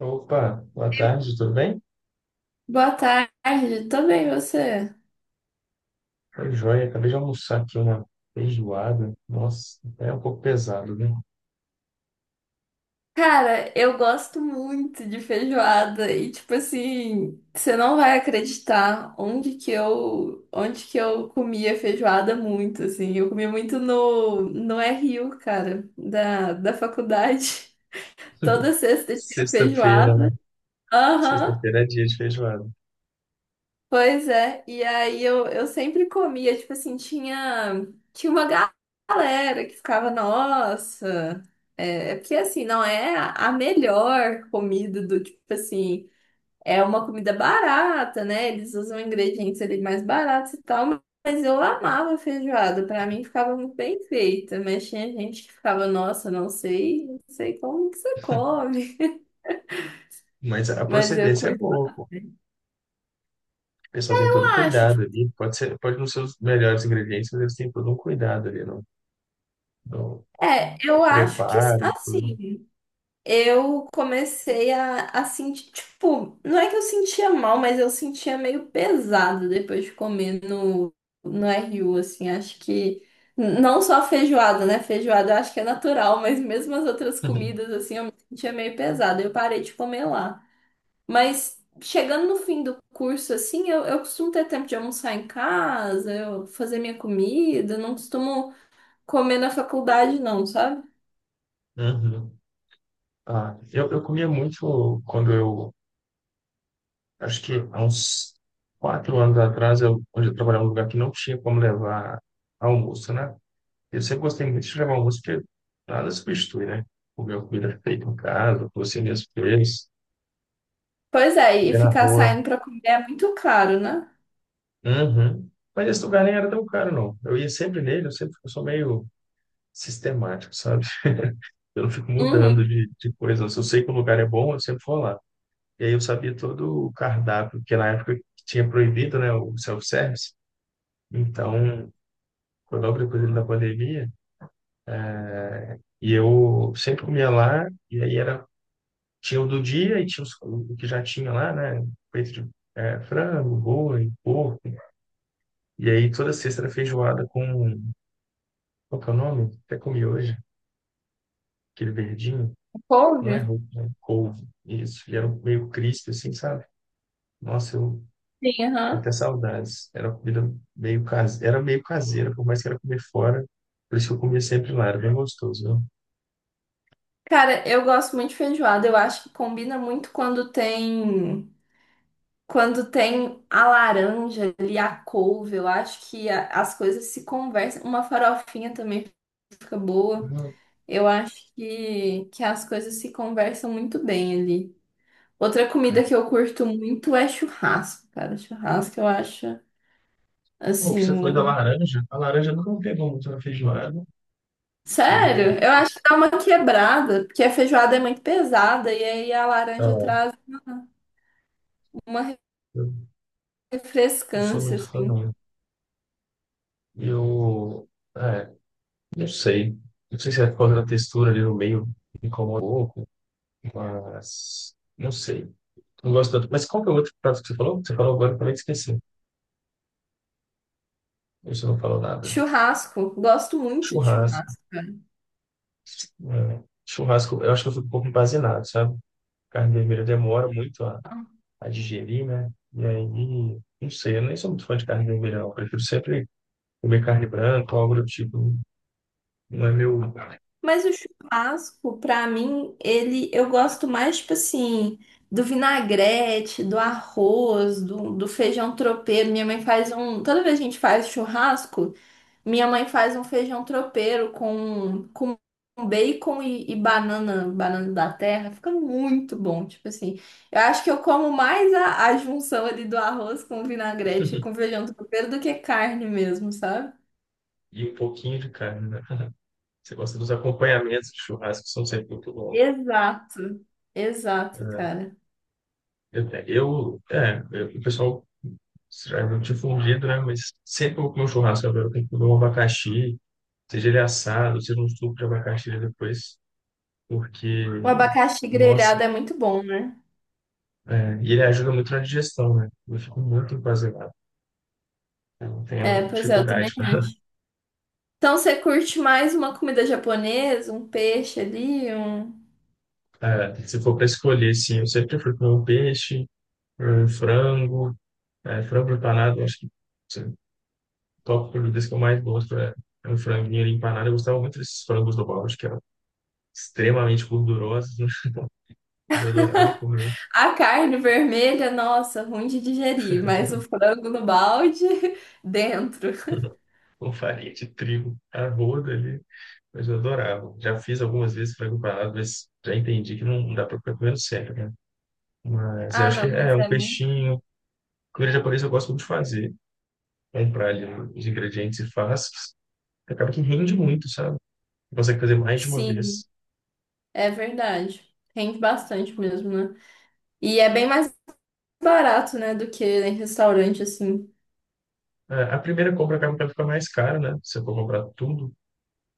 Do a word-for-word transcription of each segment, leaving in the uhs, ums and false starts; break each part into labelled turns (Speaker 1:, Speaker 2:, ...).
Speaker 1: Opa, boa tarde, tudo bem?
Speaker 2: Boa tarde, tô bem, você?
Speaker 1: Foi joia, acabei de almoçar aqui uma feijoada. Nossa, é um pouco pesado, né?
Speaker 2: Cara, eu gosto muito de feijoada e tipo assim, você não vai acreditar onde que eu, onde que eu comia feijoada muito assim. Eu comia muito no no R U, cara, da da faculdade. Toda sexta tinha
Speaker 1: Sexta-feira, né?
Speaker 2: feijoada. Aham.
Speaker 1: Sexta-feira é dia de feijoada.
Speaker 2: Pois é, e aí eu, eu sempre comia, tipo assim, tinha, tinha uma ga- galera que ficava, nossa, é, é porque assim, não é a a melhor comida do tipo assim, é uma comida barata, né? Eles usam ingredientes ali mais baratos e tal, mas eu amava feijoada, pra mim ficava muito bem feita, mas tinha gente que ficava, nossa, não sei, não sei como que você come,
Speaker 1: Mas a
Speaker 2: mas eu
Speaker 1: procedência é
Speaker 2: curto.
Speaker 1: boa, pô. O pessoal tem todo o
Speaker 2: Eu acho,
Speaker 1: cuidado
Speaker 2: tipo,
Speaker 1: ali. Pode ser, pode não ser os melhores ingredientes, mas eles têm todo um cuidado ali no, no
Speaker 2: é, eu acho que
Speaker 1: preparo, tudo.
Speaker 2: assim. Eu comecei a, a sentir, tipo, não é que eu sentia mal, mas eu sentia meio pesado depois de comer no, no R U, assim, acho que n- não só a feijoada, né? Feijoada eu acho que é natural, mas mesmo as outras comidas, assim, eu me sentia meio pesado, eu parei de comer lá. Mas chegando no fim do curso, assim, eu, eu costumo ter tempo de almoçar em casa, eu fazer minha comida, eu não costumo comer na faculdade, não, sabe?
Speaker 1: Uhum. Ah, eu, eu comia muito quando eu acho que há uns quatro anos atrás, eu, onde eu trabalhava num lugar que não tinha como levar almoço, né? Eu sempre gostei muito de levar almoço, porque nada substitui, né? Comer uma comida feita em casa, você mesmo fez,
Speaker 2: Pois é, e
Speaker 1: comer na
Speaker 2: ficar
Speaker 1: rua.
Speaker 2: saindo pra comer é muito caro, né?
Speaker 1: Uhum. Mas esse lugar nem era tão caro, não. Eu ia sempre nele, eu sempre eu sou meio sistemático, sabe? Eu não fico mudando
Speaker 2: Uhum.
Speaker 1: de, de coisa. Se eu sei que o lugar é bom, eu sempre vou lá. E aí eu sabia todo o cardápio, porque na época tinha proibido, né, o self-service. Então, foi logo depois ali da pandemia. E eu sempre comia lá, e aí era, tinha o do dia e tinha os- o que já tinha lá, né? Peito de é, frango, boi, porco. E aí toda sexta era feijoada com, qual que é o nome? Até comi hoje, aquele verdinho. Não
Speaker 2: Couve?
Speaker 1: é roupa, né? Couve. Isso. E era um meio crisp, assim, sabe? Nossa, eu
Speaker 2: Sim,
Speaker 1: tenho
Speaker 2: aham.
Speaker 1: até saudades. Era uma comida meio caseira, era meio caseira, por mais que era comer fora. Por isso que eu comia sempre lá, era bem gostoso,
Speaker 2: Cara, eu gosto muito de feijoada. Eu acho que combina muito quando tem quando tem a laranja ali, a couve. Eu acho que a- as coisas se conversam. Uma farofinha também fica boa.
Speaker 1: viu?
Speaker 2: Eu acho que, que as coisas se conversam muito bem ali. Outra
Speaker 1: Hum.
Speaker 2: comida que eu curto muito é churrasco, cara. Churrasco eu acho
Speaker 1: Pô, você falou da
Speaker 2: assim.
Speaker 1: laranja. A laranja nunca me pegou muito na feijoada.
Speaker 2: Sério,
Speaker 1: Eu,
Speaker 2: eu acho que dá uma quebrada, porque a feijoada é muito pesada e aí a laranja
Speaker 1: ah,
Speaker 2: traz uma
Speaker 1: eu não sou
Speaker 2: refrescância,
Speaker 1: muito fã,
Speaker 2: assim.
Speaker 1: não. Eu, é, não sei. Não sei se é por causa da textura ali no meio me incomoda um pouco, mas não sei. Não gosto tanto. Mas qual que é o outro prato que você falou? Você falou agora, eu também esqueci. Você não falou nada.
Speaker 2: Churrasco, gosto muito de
Speaker 1: Churrasco.
Speaker 2: churrasco, cara.
Speaker 1: É. Churrasco, eu acho que eu fico um pouco embazinado, sabe? Carne vermelha demora muito a, a digerir, né? E aí, não sei, eu nem sou muito fã de carne vermelha, não. Eu prefiro sempre comer carne branca, algo do tipo, não é meu.
Speaker 2: Mas o churrasco, pra mim, ele eu gosto mais, tipo assim, do vinagrete, do arroz, do, do feijão tropeiro. Minha mãe faz um. Toda vez que a gente faz churrasco, minha mãe faz um feijão tropeiro com, com bacon e, e banana, banana da terra. Fica muito bom. Tipo assim, eu acho que eu como mais a, a junção ali do arroz com vinagrete e com feijão tropeiro do que carne mesmo, sabe?
Speaker 1: E um pouquinho de carne, né? Você gosta dos acompanhamentos de churrasco, que são sempre muito bons,
Speaker 2: Exato. Exato,
Speaker 1: né?
Speaker 2: cara.
Speaker 1: Eu, é, eu- é, eu- o pessoal já não difundido, né? Mas sempre vou comer um churrasco agora, eu tenho que comer um abacaxi, seja ele assado, seja um suco de abacaxi depois, porque,
Speaker 2: O abacaxi
Speaker 1: nossa,
Speaker 2: grelhado é muito bom, né?
Speaker 1: é, e ele ajuda muito na digestão, né? Eu fico muito empazelado, eu
Speaker 2: É,
Speaker 1: tenho
Speaker 2: pois é, eu
Speaker 1: dificuldade.
Speaker 2: também acho. Então você curte mais uma comida japonesa, um peixe ali, um.
Speaker 1: É, se for para escolher, sim, eu sempre fui comer um peixe, um frango. É, frango empanado, acho que assim, top produtos que eu mais gosto é, é um franguinho ali empanado. Eu gostava muito desses frangos do Bob's, que eram extremamente gordurosos, né? Eu adorava comer
Speaker 2: A carne vermelha, nossa, ruim de digerir, mas o frango no balde, dentro.
Speaker 1: com farinha de trigo, arroz ali. Mas eu adorava. Já fiz algumas vezes frango empanado, mas já entendi que não dá para ficar comendo sempre, né? Mas eu
Speaker 2: Ah,
Speaker 1: acho que
Speaker 2: não,
Speaker 1: é
Speaker 2: mas
Speaker 1: um
Speaker 2: é muito.
Speaker 1: peixinho. Comida japonesa eu gosto muito de fazer. Comprar ali os ingredientes e faz. Acaba que rende muito, sabe? Você consegue fazer mais de uma
Speaker 2: Sim,
Speaker 1: vez.
Speaker 2: é verdade. Rende bastante mesmo, né? E é bem mais barato, né, do que em restaurante, assim.
Speaker 1: É, a primeira compra acaba que ela fica mais cara, né? Se eu for comprar tudo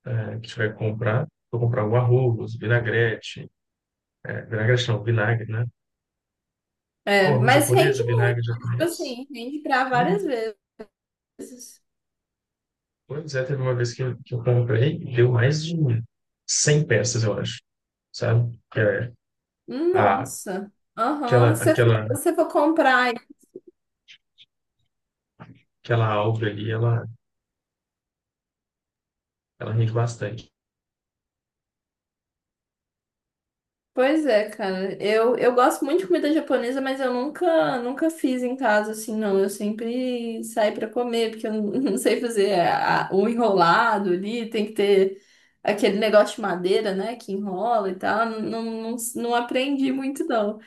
Speaker 1: é, que tiver que comprar, vou comprar o arroz, vinagrete, é, vinagrete não, vinagre, né? O
Speaker 2: É,
Speaker 1: arroz
Speaker 2: mas
Speaker 1: japonês,
Speaker 2: rende muito,
Speaker 1: vinagre
Speaker 2: tipo
Speaker 1: japonês.
Speaker 2: assim, rende pra várias
Speaker 1: Uhum.
Speaker 2: vezes.
Speaker 1: Pois é, teve uma vez que, eu- que eu comprei, deu mais de cem peças, eu acho, sabe? Que é, a,
Speaker 2: Nossa. Aham.
Speaker 1: aquela,
Speaker 2: Se
Speaker 1: aquela,
Speaker 2: você for comprar.
Speaker 1: aquela alga ali, ela, ela rende bastante.
Speaker 2: Pois é, cara. Eu, eu gosto muito de comida japonesa, mas eu nunca, nunca fiz em casa assim, não. Eu sempre saio pra comer, porque eu não não sei fazer a- o enrolado ali, tem que ter aquele negócio de madeira, né, que enrola e tal. Não, não, não aprendi muito, não.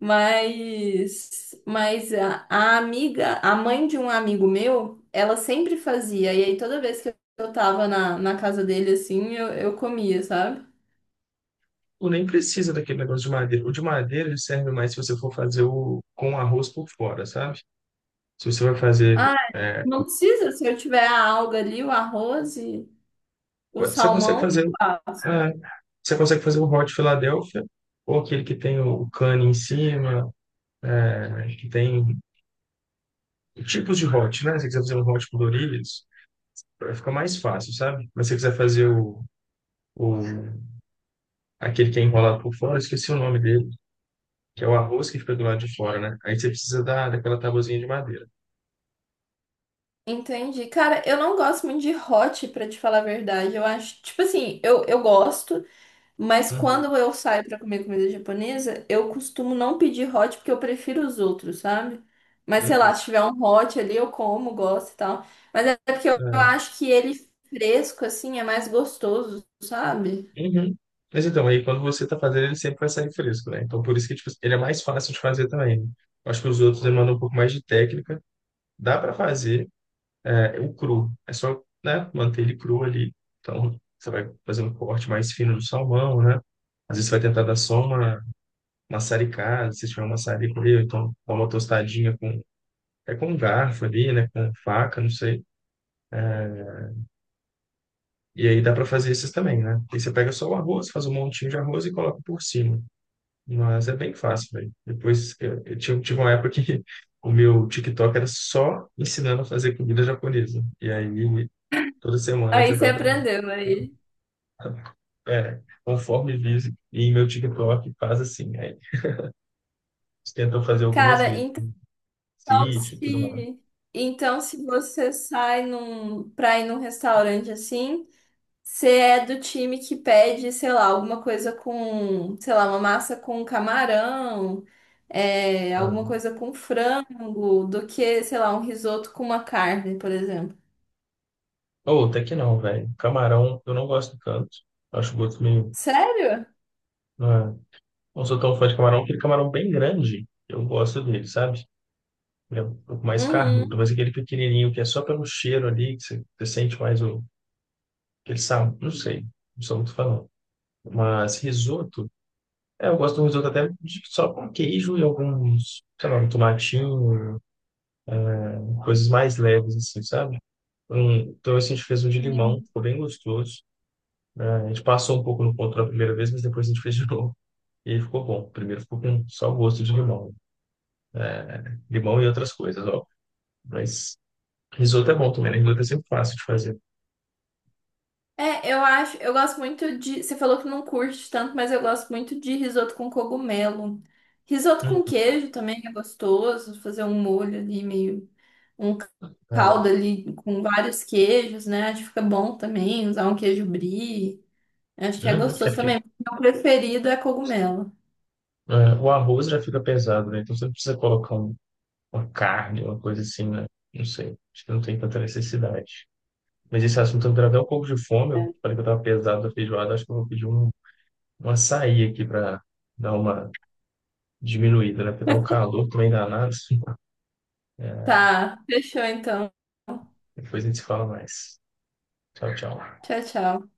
Speaker 2: Mas, mas a, a amiga, a mãe de um amigo meu, ela sempre fazia, e aí toda vez que eu tava na, na casa dele, assim, eu, eu comia, sabe?
Speaker 1: Tu nem precisa daquele negócio de madeira. O de madeira ele serve mais se você for fazer o, com arroz por fora, sabe? Se você vai fazer
Speaker 2: Ah,
Speaker 1: é,
Speaker 2: não precisa. Se eu tiver a alga ali, o arroz e o
Speaker 1: você consegue
Speaker 2: salmão, eu
Speaker 1: fazer, é,
Speaker 2: faço.
Speaker 1: você consegue fazer o Hot Philadelphia, ou aquele que tem o cane em cima, é, que tem tipos de hot, né? Se você quiser fazer um hot coloridos, vai ficar mais fácil, sabe? Mas se você quiser fazer o, o aquele que é enrolado por fora, eu esqueci o nome dele, que é o arroz que fica do lado de fora, né? Aí você precisa da, daquela tabuzinha de madeira.
Speaker 2: Entendi. Cara, eu não gosto muito de hot, pra te falar a verdade. Eu acho, tipo assim, eu, eu gosto, mas
Speaker 1: Uhum,
Speaker 2: quando eu saio pra comer comida japonesa, eu costumo não pedir hot porque eu prefiro os outros, sabe? Mas sei lá,
Speaker 1: uhum.
Speaker 2: se tiver um hot ali, eu como, gosto e tal. Mas é porque eu eu
Speaker 1: É.
Speaker 2: acho que ele fresco, assim, é mais gostoso, sabe?
Speaker 1: Uhum. Mas então, aí quando você tá fazendo, ele sempre vai sair fresco, né? Então, por isso que tipo, ele é mais fácil de fazer também, né? Eu acho que os outros demandam um pouco mais de técnica. Dá para fazer é, o cru. É só, né, manter ele cru ali. Então, você vai fazer um corte mais fino do salmão, né? Às vezes você vai tentar dar só uma maçaricada, se tiver um maçarico ali, ou então dá uma tostadinha com, é com um garfo ali, né? Com faca, não sei. E aí dá para fazer esses também, né? Aí você pega só o arroz, faz um montinho de arroz e coloca por cima. Mas é bem fácil, velho. Depois eu, eu tive, tive uma época que o meu TikTok era só ensinando a fazer comida japonesa. E aí toda semana eu
Speaker 2: Aí você
Speaker 1: tentava,
Speaker 2: aprendeu aí.
Speaker 1: é, conforme diz, e meu TikTok faz assim. Aí eles tentam fazer algumas
Speaker 2: Cara,
Speaker 1: vezes,
Speaker 2: então. Então,
Speaker 1: sítio e tudo mais.
Speaker 2: se, então, se você sai num, pra ir num restaurante assim, você é do time que pede, sei lá, alguma coisa com, sei lá, uma massa com camarão, é, alguma
Speaker 1: Ah.
Speaker 2: coisa com frango, do que, sei lá, um risoto com uma carne, por exemplo.
Speaker 1: Ou até que não, velho. Camarão, eu não gosto tanto. Acho o gosto meio.
Speaker 2: Sério?
Speaker 1: Não, é- não sou tão fã de camarão, aquele camarão bem grande. Eu gosto dele, sabe? Ele é um pouco mais carnudo,
Speaker 2: Uhum.
Speaker 1: mas aquele pequenininho que é só pelo cheiro ali, que você, você sente mais o, aquele sabor, não sei, não sou muito falando. Mas risoto, é, eu gosto do risoto até de- só com queijo e alguns, sei lá, um tomatinho, coisas mais leves assim, sabe? Um, então assim, a gente fez um de limão,
Speaker 2: Sim.
Speaker 1: ficou bem gostoso. A gente passou um pouco no ponto da primeira vez, mas depois a gente fez de novo. E aí ficou bom. Primeiro ficou com só o gosto de limão. Limão e outras coisas, ó. Mas risoto é bom também, né? Risoto é sempre fácil de fazer.
Speaker 2: É, eu acho, eu gosto muito de. Você falou que não curte tanto, mas eu gosto muito de risoto com cogumelo. Risoto com
Speaker 1: Uhum,
Speaker 2: queijo também é gostoso, fazer um molho ali, meio um caldo ali com vários queijos, né? Acho que fica bom também, usar um queijo brie. Acho que é
Speaker 1: né? É
Speaker 2: gostoso
Speaker 1: porque
Speaker 2: também. Meu preferido é cogumelo.
Speaker 1: é, o arroz já fica pesado, né? Então você não precisa colocar um- uma carne, uma coisa assim, né? Não sei. Acho que não tem tanta necessidade. Mas esse assunto me deu até um pouco de fome. Eu
Speaker 2: É.
Speaker 1: falei que eu estava pesado da feijoada. Acho que eu vou pedir um, um açaí aqui para dar uma diminuída, né? Porque tá um calor também danado. É,
Speaker 2: Tá, fechou então.
Speaker 1: depois a gente se fala mais. Tchau, tchau.
Speaker 2: Tchau, tchau.